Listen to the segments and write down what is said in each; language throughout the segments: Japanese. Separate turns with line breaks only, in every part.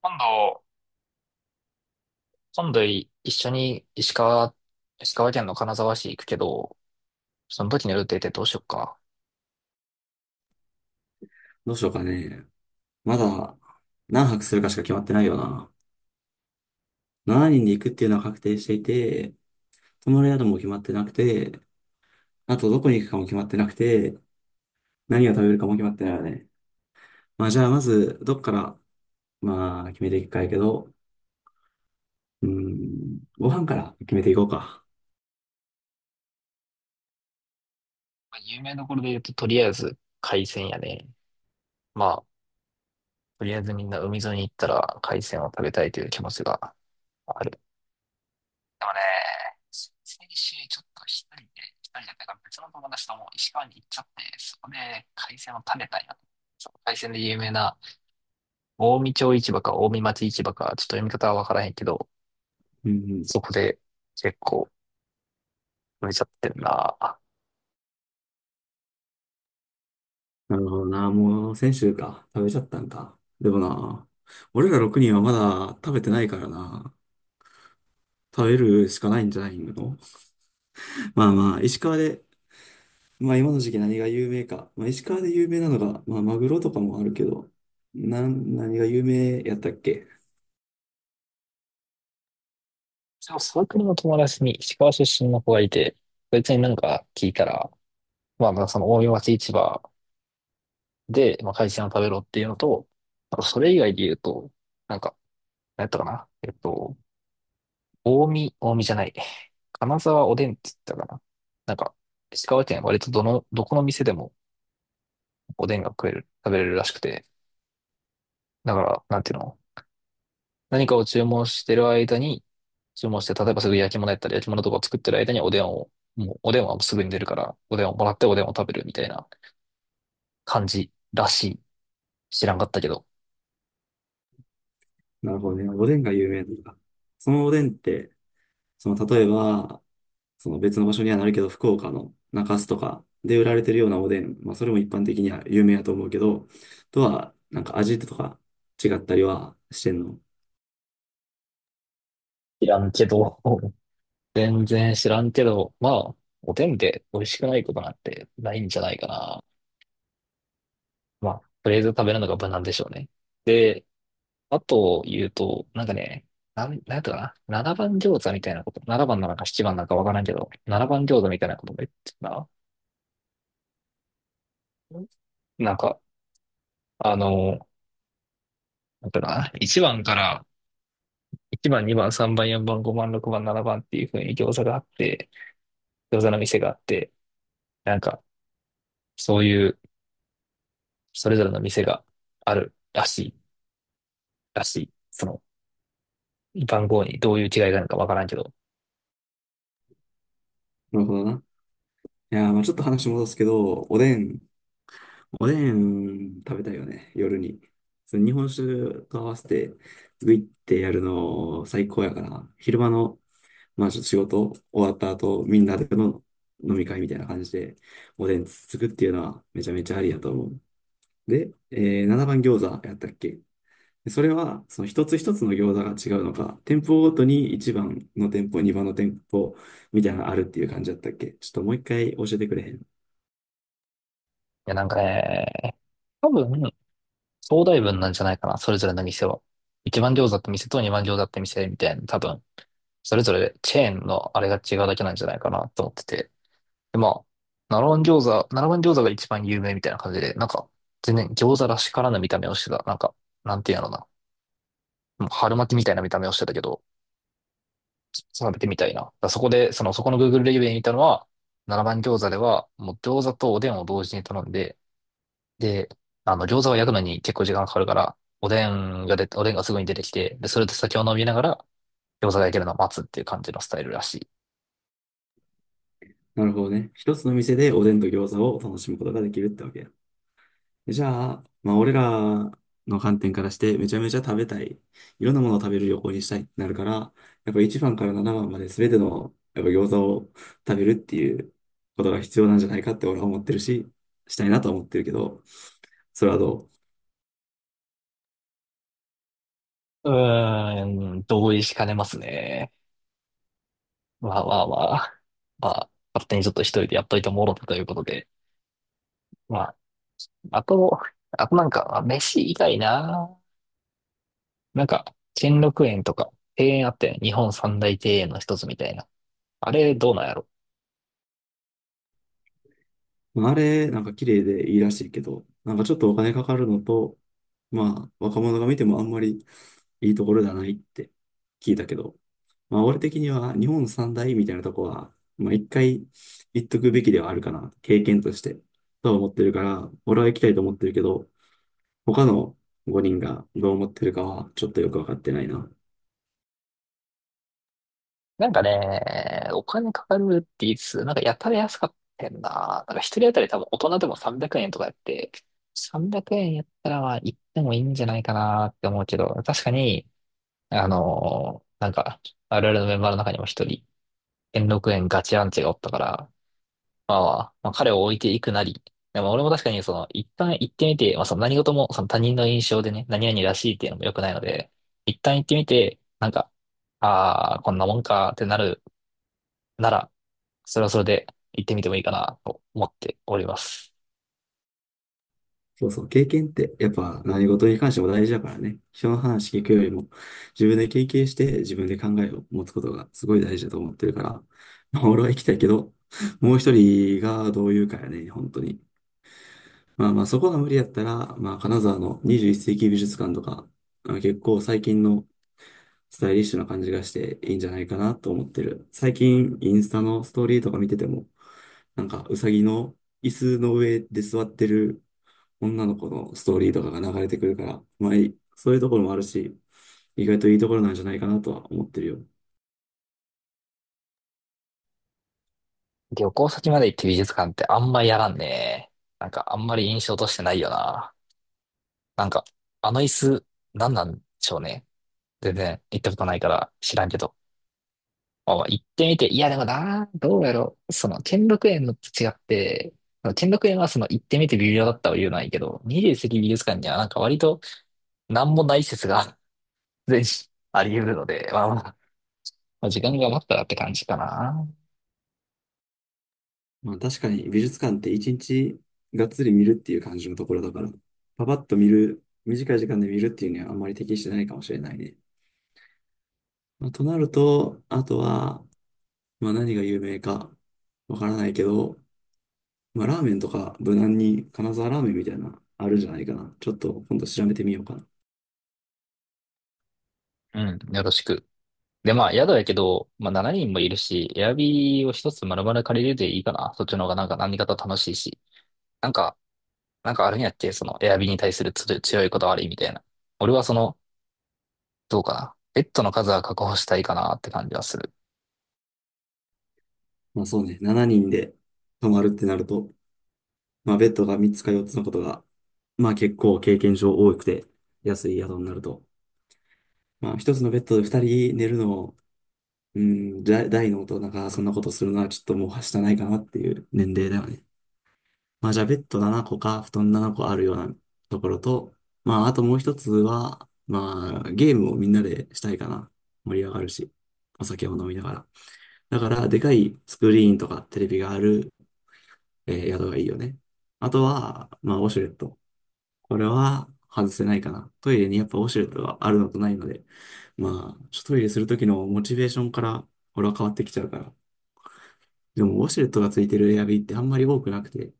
今度、今度い一緒に石川、石川県の金沢市行くけど、その時の予定ってどうしよっか。
どうしようかね。まだ何泊するかしか決まってないよな。7人で行くっていうのは確定していて、泊まる宿も決まってなくて、あとどこに行くかも決まってなくて、何を食べるかも決まってないよね。まあじゃあまず、どっから、まあ決めていくかやけど、うーん、ご飯から決めていこうか。
まあ有名どころで言うと、とりあえず海鮮やね。まあ、とりあえずみんな海沿いに行ったら海鮮を食べたいという気持ちがある。でもね、先週ちょっと一人で、一人じゃないか別の友達とも石川に行っちゃって、そこで海鮮を食べたいな。その海鮮で有名な、近江町市場か近江町市場か、ちょっと読み方はわからへんけど、
うん、
そこで結構、めちゃってんな。
なるほどな。もう先週か。食べちゃったんか。でもな、俺ら6人はまだ食べてないからな。食べるしかないんじゃないの。 まあまあ、石川でまあ今の時期何が有名か。まあ石川で有名なのが、まあマグロとかもあるけど、何が有名やったっけ。
でも、サークルの友達に石川出身の子がいて、そいつになんか聞いたら、まあ、まあその大井町市場で、まあ、海鮮を食べろっていうのと、あとそれ以外で言うと、なんか、何やったかな大見、大見じゃない。金沢おでんって言ったかな。なんか、石川県は割とどの、どこの店でもおでんが食える、食べれるらしくて、だから、なんていうの、何かを注文してる間に、注文して、例えばすぐ焼き物やったり、焼き物とかを作ってる間におでんを、もうおでんはもうすぐに出るから、おでんをもらっておでんを食べるみたいな感じらしい。知らんかったけど。
なるほどね。おでんが有名なのか。そのおでんって、その例えば、その別の場所にはなるけど、福岡の中洲とかで売られてるようなおでん、まあそれも一般的には有名やと思うけど、とは、なんか味とか違ったりはしてんの。
知らんけど。全然知らんけど、まあ、おでんで美味しくないことなんてないんじゃないかな。まあ、とりあえず食べるのが無難でしょうね。で、あと言うと、なんかね、なんやったかな。7番餃子みたいなこと。7番なのか7番なばんなのかなななばんなのかわからんけど、7番餃子みたいなことも言ってたな。なんか、あの、だから1番、2番、3番、4番、5番、6番、7番っていう風に餃子があって、餃子の店があって、なんかそういうそれぞれの店があるらしい、らしい。その番号にどういう違いがあるのかわからんけど。い
なるほどな。いやー、まあちょっと話戻すけど、おでん食べたいよね、夜に。その日本酒と合わせて、グイってやるの最高やから、昼間の、まあちょっと仕事終わった後、みんなでの飲み会みたいな感じで、おでんつつくっていうのはめちゃめちゃありやと思う。で、7番餃子やったっけ。でそれは、その一つ一つの餃子が違うのか、店舗ごとに1番の店舗、2番の店舗みたいなのあるっていう感じだったっけ。ちょっともう一回教えてくれへん。
や、なんかね、多分、総代分なんじゃないかな、それぞれの店は。1番餃子って店と2番餃子って店みたいな、多分、それぞれチェーンのあれが違うだけなんじゃないかなと思ってて。で、まあ、七番餃子が一番有名みたいな感じで、なんか、全然餃子らしからぬ見た目をしてた。なんか、なんていうのかな。もう春巻きみたいな見た目をしてたけど、食べてみたいな。だからそこで、その、そこの Google レビューで見たのは、七番餃子では、もう餃子とおでんを同時に頼んで、で、あの、餃子は焼くのに結構時間がかかるから、おでんがすぐに出てきて、で、それで酒を飲みながら、餃子が焼けるのを待つっていう感じのスタイルらしい。
なるほどね。一つの店でおでんと餃子を楽しむことができるってわけや。じゃあ、まあ俺らの観点からしてめちゃめちゃ食べたい。いろんなものを食べる旅行にしたいってなるから、やっぱ1番から7番まで全てのやっぱ餃子を食べるっていうことが必要なんじゃないかって俺は思ってるし、したいなとは思ってるけど、それはどう。
うーん、同意しかねますね。まあまあまあ、まあ、勝手にちょっと一人でやっといてもろたということで。まあ、あと、あとなんか、まあ飯以外な。なんか、兼六園とか、庭園あったよね。日本三大庭園の一つみたいな。あれ、どうなんやろ。
まあ、あれ、なんか綺麗でいいらしいけど、なんかちょっとお金かかるのと、まあ、若者が見てもあんまりいいところじゃないって聞いたけど、まあ、俺的には日本三大みたいなとこは、まあ、一回行っとくべきではあるかな、経験として、とは思ってるから、俺は行きたいと思ってるけど、他の5人がどう思ってるかはちょっとよくわかってないな。
なんかね、お金かかるって言いつつ、なんかやたら安かったんな。なんか一人当たり多分大人でも300円とかやって、300円やったらまあ行ってもいいんじゃないかなって思うけど、確かに、なんか、我々のメンバーの中にも一人、兼六園ガチアンチがおったから、まあまあ、まあ、彼を置いていくなり、でも俺も確かにその、一旦行ってみて、まあその何事もその他人の印象でね、何々らしいっていうのも良くないので、一旦行ってみて、なんか、ああ、こんなもんかってなるなら、それはそれで行ってみてもいいかなと思っております。
そうそう、経験ってやっぱ何事に関しても大事だからね。人の話聞くよりも自分で経験して自分で考えを持つことがすごい大事だと思ってるから、まあ俺は行きたいけど、もう一人がどう言うかやね、本当に。まあまあそこが無理やったら、まあ金沢の21世紀美術館とか、あの結構最近のスタイリッシュな感じがしていいんじゃないかなと思ってる。最近インスタのストーリーとか見てても、なんかうさぎの椅子の上で座ってる女の子のストーリーとかが流れてくるから、まあ、いそういうところもあるし、意外といいところなんじゃないかなとは思ってるよ。
旅行先まで行って美術館ってあんまやらんね。なんかあんまり印象としてないよな。なんか、あの椅子、なんなんでしょうね。全然行ったことないから知らんけど。あ、行ってみて、いやでもな、どうやろう。その、兼六園のと違って、その兼六園はその、行ってみて微妙だったは言うないけど、二十世紀美術館にはなんか割と、なんもない説が 全種あり得るので、まあまあ、まあ時間が余ったらって感じかな。
まあ確かに美術館って一日がっつり見るっていう感じのところだから、パパッと見る、短い時間で見るっていうにはあんまり適してないかもしれないね。まあ、となると、あとは、まあ何が有名かわからないけど、まあラーメンとか無難に金沢ラーメンみたいなあるんじゃないかな。ちょっと今度調べてみようかな。
うん、よろしく。で、まあ、宿やけど、まあ、7人もいるし、エアビーを一つ丸々借りるでいいかな。そっちの方がなんか何かと楽しいし。なんか、なんかあるんやって、その、エアビーに対するつ強いこだわりみたいな。俺はその、どうかな。ベッドの数は確保したいかなって感じはする。
まあそうね、7人で泊まるってなると、まあ、ベッドが3つか4つのことが、まあ結構経験上多くて、安い宿になると。まあ、1つのベッドで2人寝るのを、うん、じゃ大の大人がそんなことするのはちょっともうはしたないかなっていう年齢だよね。まあ、じゃあベッド7個か布団7個あるようなところと、まあ、あともう1つは、まあ、ゲームをみんなでしたいかな。盛り上がるし、お酒を飲みながら。だから、でかいスクリーンとかテレビがある、宿がいいよね。あとは、まあ、ウォシュレット。これは外せないかな。トイレにやっぱウォシュレットがあるのとないので、まあ、ちょっとトイレするときのモチベーションから俺は変わってきちゃうから。でもウォシュレットがついてるエアビーってあんまり多くなくて、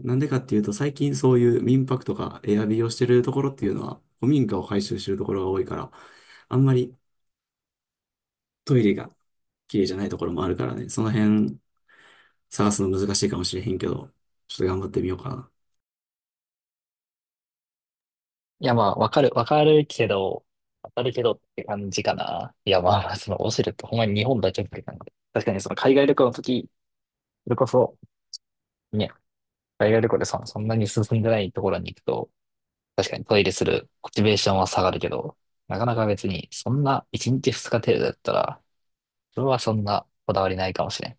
なんでかっていうと最近そういう民泊とかエアビーをしてるところっていうのは古民家を改修してるところが多いから、あんまりトイレが綺麗じゃないところもあるからね、その辺探すの難しいかもしれへんけど、ちょっと頑張ってみようかな。
いや、まあ、わかるけどって感じかな。いや、まあ、その、オシュレってほんまに日本だけって感じ。確かにその海外旅行の時、それこそ、ね、海外旅行でそそんなに進んでないところに行くと、確かにトイレするモチベーションは下がるけど、なかなか別に、そんな1日2日程度だったら、それはそんなこだわりないかもしれん。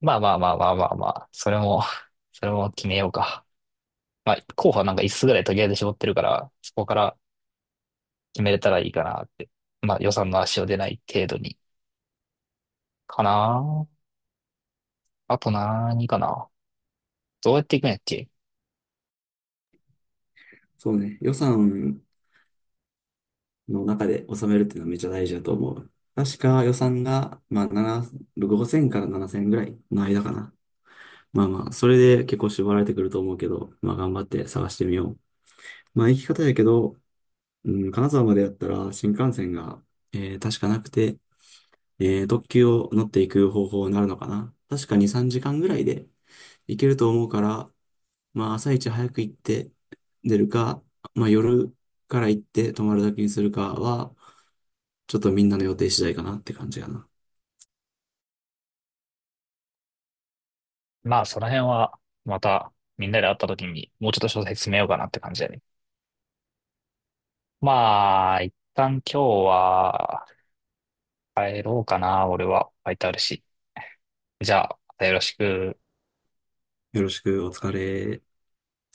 まあまあまあまあまあまあ、それも、それも決めようか。まあ、候補はなんか5つつぐらいとりあえず絞ってるから、そこから決めれたらいいかなって。まあ、予算の足を出ない程度に。かな。ああと何かな。どうやっていくんやっけ。
そうね、予算の中で収めるっていうのはめっちゃ大事だと思う。確か予算が、まあ、7、5000から7000ぐらいの間かな。まあまあ、それで結構絞られてくると思うけど、まあ頑張って探してみよう。まあ行き方やけど、うん、金沢までやったら新幹線が、確かなくて、特急を乗っていく方法になるのかな。確か2、3時間ぐらいで行けると思うから、まあ朝一早く行って出るか、まあ夜から行って泊まるだけにするかは、ちょっとみんなの予定次第かなって感じかな。
まあ、その辺は、また、みんなで会った時に、もうちょっと詳細詰めようかなって感じだね。まあ、一旦今日は、帰ろうかな、俺は。ファイトあるし。じゃあ、またよろしく。
よろしく、お疲れ。